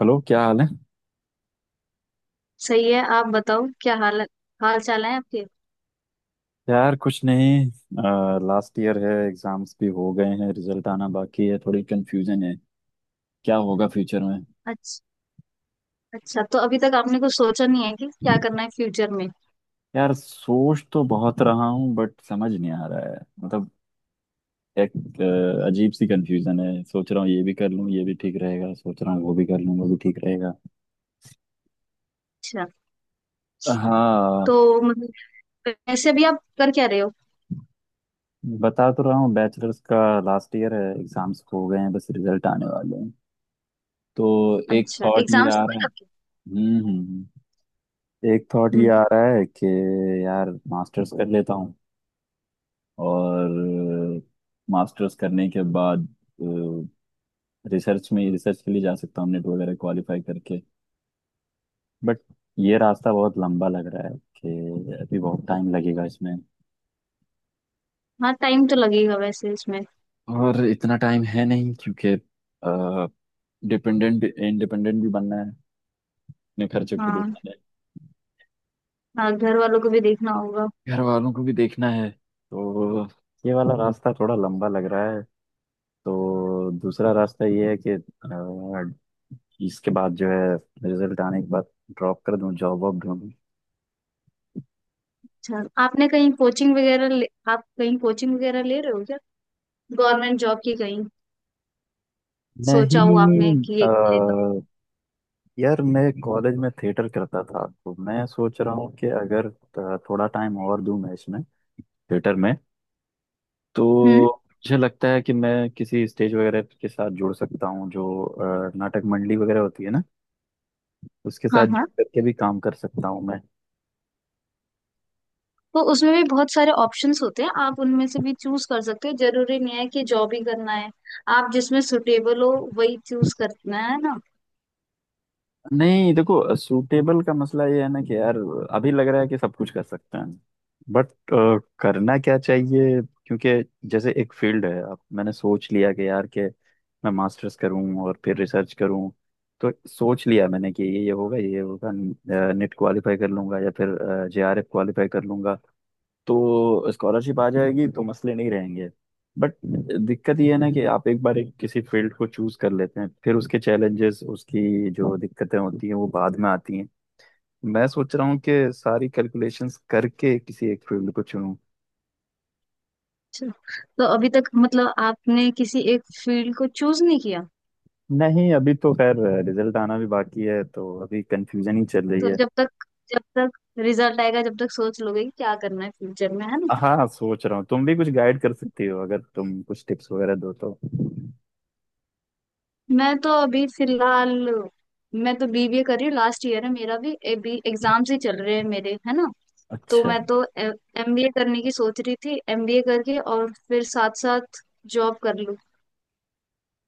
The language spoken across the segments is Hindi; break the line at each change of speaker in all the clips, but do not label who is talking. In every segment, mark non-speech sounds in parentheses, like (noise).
हेलो, क्या हाल है।
सही है, आप बताओ। क्या हाल, हाल चाल है आपके?
यार कुछ नहीं। लास्ट ईयर है, एग्जाम्स भी हो गए हैं, रिजल्ट आना बाकी है, थोड़ी कंफ्यूजन है क्या होगा फ्यूचर में।
अच्छा, अच्छा, तो अभी तक आपने कुछ सोचा नहीं है कि क्या करना है फ्यूचर में?
यार सोच तो बहुत रहा हूँ बट समझ नहीं आ रहा है। मतलब एक अजीब सी कंफ्यूजन है। सोच रहा हूँ ये भी कर लूँ, ये भी ठीक रहेगा, सोच रहा हूँ वो भी कर लूँ, वो भी ठीक रहेगा।
अच्छा,
हाँ,
तो मतलब, वैसे भी आप कर क्या रहे हो?
बता तो रहा हूँ, बैचलर्स का लास्ट ईयर है, एग्जाम्स हो गए हैं, बस रिजल्ट आने वाले हैं। तो एक
अच्छा,
थॉट ये आ
एग्जाम्स
रहा
हुए
है।
आपके?
हम्म हम्म हम्म। एक थॉट ये
हम्म।
आ रहा है कि यार मास्टर्स कर लेता हूँ, और मास्टर्स करने के बाद रिसर्च में, रिसर्च के लिए जा सकता हूँ, नेट वगैरह क्वालिफाई करके। बट ये रास्ता बहुत लंबा लग रहा है कि अभी बहुत टाइम लगेगा इसमें,
हाँ, टाइम तो लगेगा वैसे इसमें।
और इतना टाइम है नहीं क्योंकि डिपेंडेंट इंडिपेंडेंट भी बनना है, अपने खर्चे खुद
हाँ,
उठाने हैं,
हाँ, घर वालों को भी देखना होगा।
घर वालों को भी देखना है। तो ये वाला रास्ता थोड़ा लंबा लग रहा है। तो दूसरा रास्ता ये है कि इसके बाद जो है, रिजल्ट आने के बाद ड्रॉप कर दूं, जॉब वॉब ढूंढूं।
अच्छा, आपने कहीं कोचिंग वगैरह ले, आप कहीं कोचिंग वगैरह ले रहे हो क्या? गवर्नमेंट जॉब की कहीं सोचा हो आपने
नहीं
कि ये कर लेता हूँ?
यार मैं कॉलेज में थिएटर करता था, तो मैं सोच रहा हूँ कि अगर थोड़ा टाइम और दूं मैं इसमें, थिएटर में,
हम्म।
तो मुझे लगता है कि मैं किसी स्टेज वगैरह के साथ जुड़ सकता हूँ। जो नाटक मंडली वगैरह होती है ना, उसके
हाँ,
साथ
हाँ,
जुड़ करके भी काम कर सकता हूँ मैं।
तो उसमें भी बहुत सारे ऑप्शंस होते हैं, आप उनमें से भी चूज कर सकते हो। जरूरी नहीं है कि जॉब ही करना है। आप जिसमें सुटेबल हो वही चूज करना है ना।
नहीं देखो, सूटेबल का मसला ये है ना कि यार अभी लग रहा है कि सब कुछ कर सकते हैं, बट करना क्या चाहिए। क्योंकि जैसे एक फील्ड है, अब मैंने सोच लिया कि यार के मैं मास्टर्स करूं और फिर रिसर्च करूं, तो सोच लिया मैंने कि ये होगा, ये होगा, नेट क्वालिफाई कर लूंगा या फिर जेआरएफ क्वालिफाई कर लूंगा, तो स्कॉलरशिप आ जाएगी, तो मसले नहीं रहेंगे। बट दिक्कत ये है ना कि आप एक बार एक किसी फील्ड को चूज कर लेते हैं, फिर उसके चैलेंजेस, उसकी जो दिक्कतें होती हैं वो बाद में आती हैं। मैं सोच रहा हूँ कि सारी कैलकुलेशंस करके किसी एक फील्ड को चुनूं।
अच्छा, तो अभी तक मतलब आपने किसी एक फील्ड को चूज नहीं किया?
नहीं, अभी तो खैर रिजल्ट आना भी बाकी है, तो अभी कंफ्यूजन ही चल रही
तो
है।
जब तक रिजल्ट आएगा, जब तक सोच लोगे कि क्या करना है फ्यूचर में, है ना?
हाँ सोच रहा हूँ, तुम भी कुछ गाइड कर सकती हो, अगर तुम कुछ टिप्स वगैरह दो तो।
मैं तो अभी फिलहाल, मैं तो बीबीए कर रही हूँ। लास्ट ईयर है मेरा भी। एग्जाम्स ही चल रहे हैं मेरे, है ना? तो
अच्छा,
मैं तो एमबीए करने की सोच रही थी। एमबीए करके और फिर साथ साथ जॉब कर लूँ।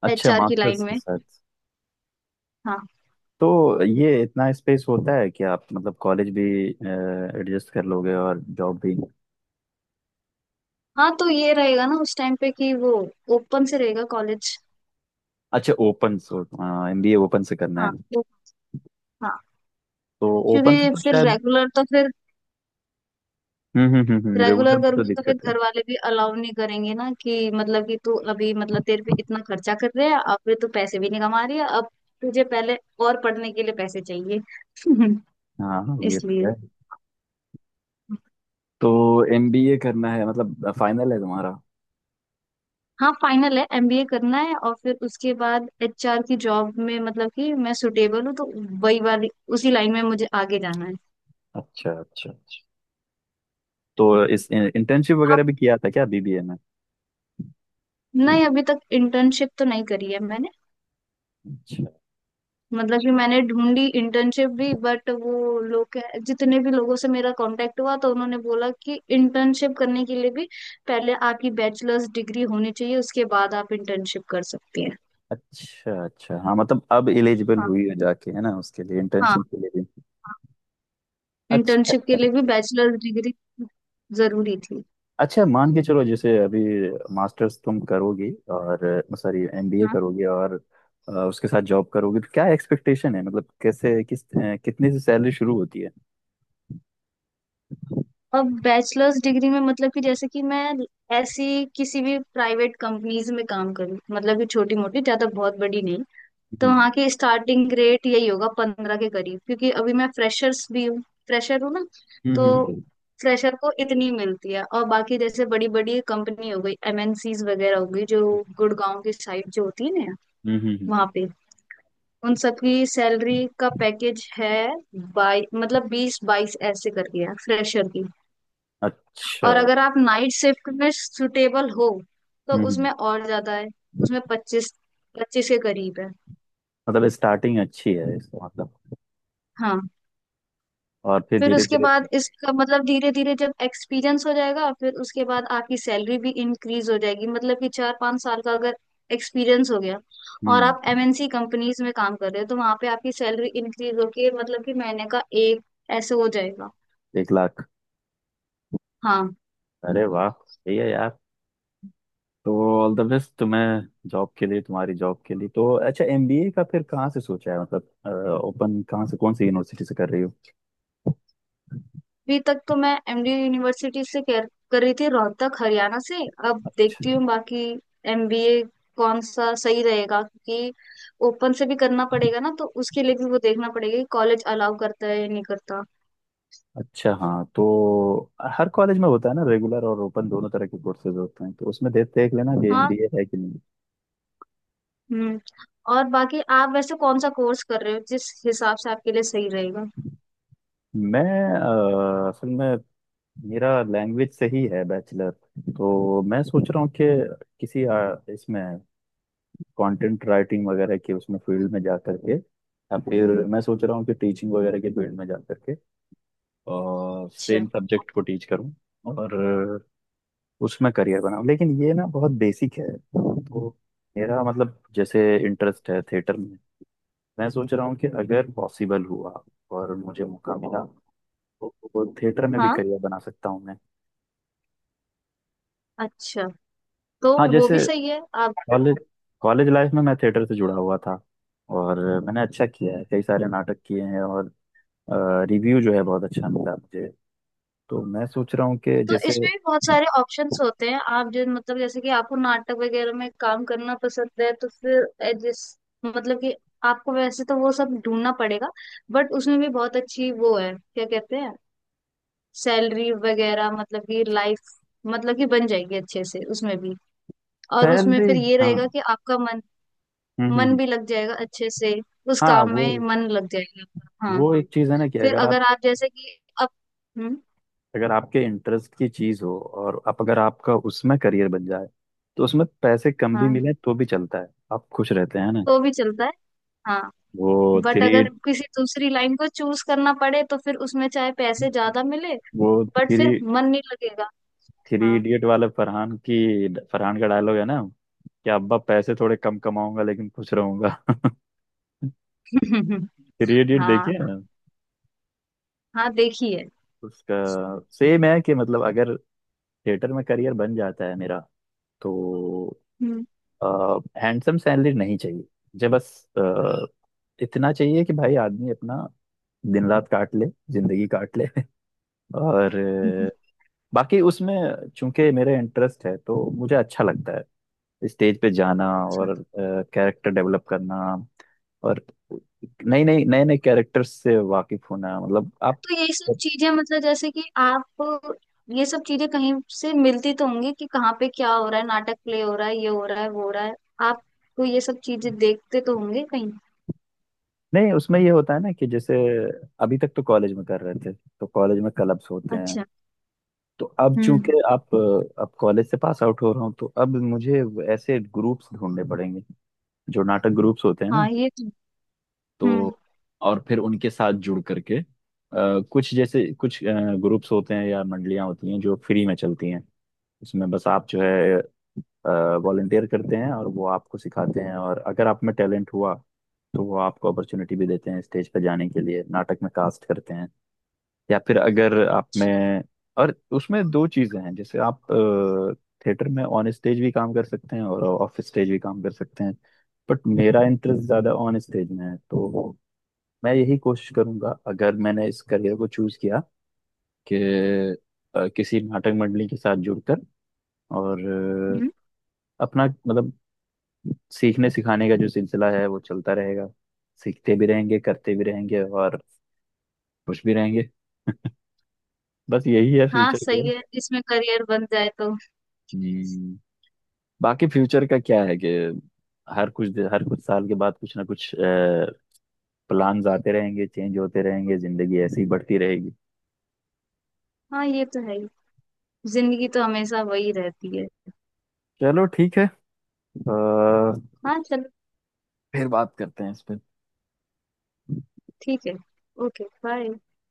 अच्छा
एचआर की लाइन
मास्टर्स के
में।
साथ।
हाँ।
तो ये इतना स्पेस होता है कि आप मतलब कॉलेज भी एडजस्ट कर लोगे और जॉब भी।
हाँ, तो ये रहेगा ना उस टाइम पे कि वो ओपन से रहेगा कॉलेज।
अच्छा, ओपन सो एमबीए ओपन से करना
हाँ,
है।
वो, हाँ।
तो ओपन से
क्योंकि
तो
फिर
शायद,
रेगुलर तो फिर,
हम्म, रेगुलर
रेगुलर
में तो
करूंगी तो फिर
दिक्कत है।
घर वाले भी अलाउ नहीं करेंगे ना, कि मतलब कि तू अभी, मतलब तेरे पे इतना खर्चा कर रहे हैं, अब फिर तू पैसे भी नहीं कमा रही है, अब तुझे पहले और पढ़ने के लिए पैसे चाहिए।
हाँ हाँ,
(laughs)
ये तो
इसलिए।
है। तो एमबीए करना है मतलब, फाइनल है तुम्हारा।
हाँ, फाइनल है, एमबीए करना है और फिर उसके बाद एचआर की जॉब में, मतलब कि मैं सुटेबल हूँ, तो वही वाली, उसी लाइन में मुझे आगे जाना है।
अच्छा अच्छा अच्छा। तो इस इंटर्नशिप
अब
वगैरह भी किया था क्या बीबीए में।
नहीं, अभी तक इंटर्नशिप तो नहीं करी है मैंने।
अच्छा
मतलब कि मैंने ढूंढी इंटर्नशिप भी, बट वो जितने भी लोगों से मेरा कांटेक्ट हुआ तो उन्होंने बोला कि इंटर्नशिप करने के लिए भी पहले आपकी बैचलर्स डिग्री होनी चाहिए, उसके बाद आप इंटर्नशिप कर सकती हैं।
अच्छा अच्छा, हाँ मतलब अब एलिजिबल
हाँ,
हुई है जाके, है ना, उसके लिए,
हाँ।
इंटर्नशिप के लिए भी। अच्छा
इंटर्नशिप के
अच्छा।
लिए भी बैचलर्स डिग्री जरूरी थी।
अच्छा मान के चलो, जैसे अभी मास्टर्स तुम करोगी, और सॉरी एमबीए करोगी और उसके साथ जॉब करोगी, तो क्या एक्सपेक्टेशन है मतलब कैसे, किस कितने से सैलरी शुरू होती है।
अब बैचलर्स डिग्री में, मतलब कि जैसे कि मैं ऐसी किसी भी प्राइवेट कंपनीज में काम करूँ, मतलब कि छोटी मोटी, ज्यादा बहुत बड़ी नहीं, तो
हम्म।
वहाँ की स्टार्टिंग रेट यही होगा 15 के करीब, क्योंकि अभी मैं फ्रेशर्स भी हूँ। फ्रेशर हूँ ना। तो
हम्म।
फ्रेशर को इतनी मिलती है। और बाकी जैसे बड़ी बड़ी कंपनी हो गई, एमएनसीज वगैरह हो गई, जो गुड़गांव की साइड जो होती है ना,
हम्म, हम्म,
वहाँ पे उन सबकी सैलरी का पैकेज है बाई, मतलब 20-22 ऐसे करके, है फ्रेशर की।
अच्छा।
और अगर आप नाइट शिफ्ट में सुटेबल हो तो
हम्म,
उसमें और ज्यादा है। उसमें 25, 25 के करीब है।
मतलब स्टार्टिंग अच्छी है इसका मतलब।
हाँ,
और फिर
फिर
धीरे
उसके
धीरे,
बाद, इसका मतलब धीरे धीरे जब एक्सपीरियंस हो जाएगा, फिर उसके बाद आपकी सैलरी भी इंक्रीज हो जाएगी, मतलब कि 4-5 साल का अगर एक्सपीरियंस हो गया और
हम्म,
आप एमएनसी कंपनीज में काम कर रहे हो, तो वहां पे आपकी सैलरी इंक्रीज होके, मतलब कि महीने का एक ऐसे हो जाएगा।
1 लाख।
हाँ।
अरे वाह, सही है यार। तो ऑल द बेस्ट तुम्हें जॉब के लिए, तुम्हारी जॉब के लिए। तो अच्छा, एमबीए का फिर कहाँ से सोचा है, मतलब ओपन कहाँ से, कौन सी यूनिवर्सिटी से कर रही हो।
अभी तक तो मैं एमडी यूनिवर्सिटी से कर रही थी, रोहतक हरियाणा से। अब
अच्छा
देखती हूँ बाकी एमबीए कौन सा सही रहेगा, क्योंकि ओपन से भी करना पड़ेगा ना, तो उसके लिए भी वो देखना पड़ेगा कि कॉलेज अलाउ करता है या नहीं करता।
अच्छा, हाँ तो हर कॉलेज में होता है ना, रेगुलर और ओपन दोनों तरह के कोर्सेज होते हैं, तो उसमें देख देख लेना कि
हाँ।
एमबीए है कि नहीं।
हम्म। और बाकी आप वैसे कौन सा कोर्स कर रहे हो, जिस हिसाब से आपके लिए सही रहेगा?
मैं असल में मेरा लैंग्वेज से ही है बैचलर। तो मैं सोच रहा हूँ कि किसी इसमें कंटेंट राइटिंग वगैरह के, उसमें फील्ड में जा करके, या फिर मैं सोच रहा हूँ कि टीचिंग वगैरह के फील्ड में जा करके और
अच्छा।
सेम सब्जेक्ट को टीच करूँ, और उसमें करियर बनाओ। लेकिन ये ना बहुत बेसिक है तो मेरा मतलब, जैसे इंटरेस्ट है थिएटर में, मैं सोच रहा हूँ कि अगर पॉसिबल हुआ और मुझे मौका मिला, तो थिएटर में भी
हाँ,
करियर बना सकता हूँ मैं।
अच्छा, तो
हाँ
वो
जैसे
भी सही है आप।
कॉलेज, कॉलेज लाइफ में मैं थिएटर से जुड़ा हुआ था, और मैंने अच्छा किया है, कई सारे नाटक किए हैं, और रिव्यू जो है बहुत अच्छा मिला मुझे। तो मैं सोच रहा हूँ कि
तो
जैसे
इसमें भी बहुत सारे ऑप्शंस होते हैं, आप जो, मतलब जैसे कि आपको नाटक वगैरह में काम करना पसंद है, तो फिर जिस, मतलब कि आपको वैसे तो वो सब ढूंढना पड़ेगा, बट उसमें भी बहुत अच्छी, वो है क्या कहते हैं, सैलरी वगैरह, मतलब कि लाइफ मतलब कि बन जाएगी अच्छे से उसमें भी। और उसमें
सैलरी,
फिर ये
हाँ
रहेगा कि आपका मन,
हम्म
मन
हम्म।
भी लग जाएगा अच्छे से, उस
हाँ
काम
वो
में मन लग जाएगा आपका। हाँ।
वो एक चीज है ना कि
फिर
अगर
अगर
आप,
आप जैसे कि, अब, हम्म,
अगर आपके इंटरेस्ट की चीज हो और आप, अगर आपका उसमें करियर बन जाए, तो उसमें पैसे कम भी
हाँ,
मिले तो भी चलता है, आप खुश रहते हैं ना।
तो भी चलता है। हाँ,
वो
बट
थ्री
अगर किसी दूसरी लाइन को चूज करना पड़े तो फिर उसमें चाहे पैसे ज्यादा मिले,
वो
बट
थ्री
फिर मन नहीं लगेगा।
थ्री
हाँ।
इडियट वाले फरहान की, फरहान का डायलॉग है ना कि अब्बा पैसे थोड़े कम कमाऊंगा लेकिन खुश रहूंगा। (laughs)
(laughs)
थ्री इडियट
हाँ,
देखिए ना।
हाँ देखी है।
उसका सेम है कि मतलब अगर थिएटर में करियर बन जाता है मेरा, तो
हम्म।
हैंडसम सैलरी नहीं चाहिए मुझे। बस अ, इतना चाहिए कि भाई आदमी अपना दिन रात काट ले, जिंदगी काट ले। (laughs) और बाकी उसमें चूंकि मेरा इंटरेस्ट है, तो मुझे अच्छा लगता है स्टेज पे जाना
अच्छा,
और कैरेक्टर डेवलप करना, और नई नई नए नए कैरेक्टर्स से वाकिफ होना। मतलब आप,
तो यही सब चीजें, मतलब जैसे कि आप, ये सब चीजें कहीं से मिलती तो होंगी कि कहाँ पे क्या हो रहा है, नाटक प्ले हो रहा है, ये हो रहा है, वो हो रहा है। आपको ये सब चीजें देखते तो होंगे कहीं?
नहीं उसमें ये होता है ना कि जैसे अभी तक तो कॉलेज में कर रहे थे, तो कॉलेज में क्लब्स होते हैं,
अच्छा।
तो अब
हम्म।
चूंकि आप, अब कॉलेज से पास आउट हो रहा हूँ, तो अब मुझे ऐसे ग्रुप्स ढूंढने पड़ेंगे, जो नाटक ग्रुप्स होते हैं ना।
हाँ, ये तो। हम्म,
तो और फिर उनके साथ जुड़ करके कुछ जैसे कुछ ग्रुप्स होते हैं या मंडलियां होती हैं जो फ्री में चलती हैं, उसमें बस आप जो है वॉलंटियर करते हैं और वो आपको सिखाते हैं, और अगर आप में टैलेंट हुआ, तो वो आपको अपॉर्चुनिटी भी देते हैं स्टेज पर जाने के लिए, नाटक में कास्ट करते हैं। या फिर अगर आप में, और उसमें दो चीजें हैं, जैसे आप थिएटर में ऑन स्टेज भी काम कर सकते हैं और ऑफ स्टेज भी काम कर सकते हैं, बट मेरा इंटरेस्ट ज्यादा ऑन स्टेज में है। तो मैं यही कोशिश करूंगा, अगर मैंने इस करियर को चूज किया, कि किसी नाटक मंडली के साथ जुड़कर और
हम्म।
अपना मतलब सीखने सिखाने का जो सिलसिला है वो चलता रहेगा, सीखते भी रहेंगे, करते भी रहेंगे, और खुश भी रहेंगे। बस यही है
हाँ,
फ्यूचर
सही है, इसमें करियर बन जाए तो।
गोल। बाकी फ्यूचर का क्या है कि हर कुछ हर कुछ साल के बाद कुछ ना कुछ प्लान्स आते रहेंगे, चेंज होते रहेंगे, जिंदगी ऐसे ही बढ़ती रहेगी।
हाँ, ये तो है ही। जिंदगी तो हमेशा वही रहती है।
चलो ठीक है, अ,
हाँ चल,
फिर बात करते हैं इस पे।
ठीक है। Okay, bye.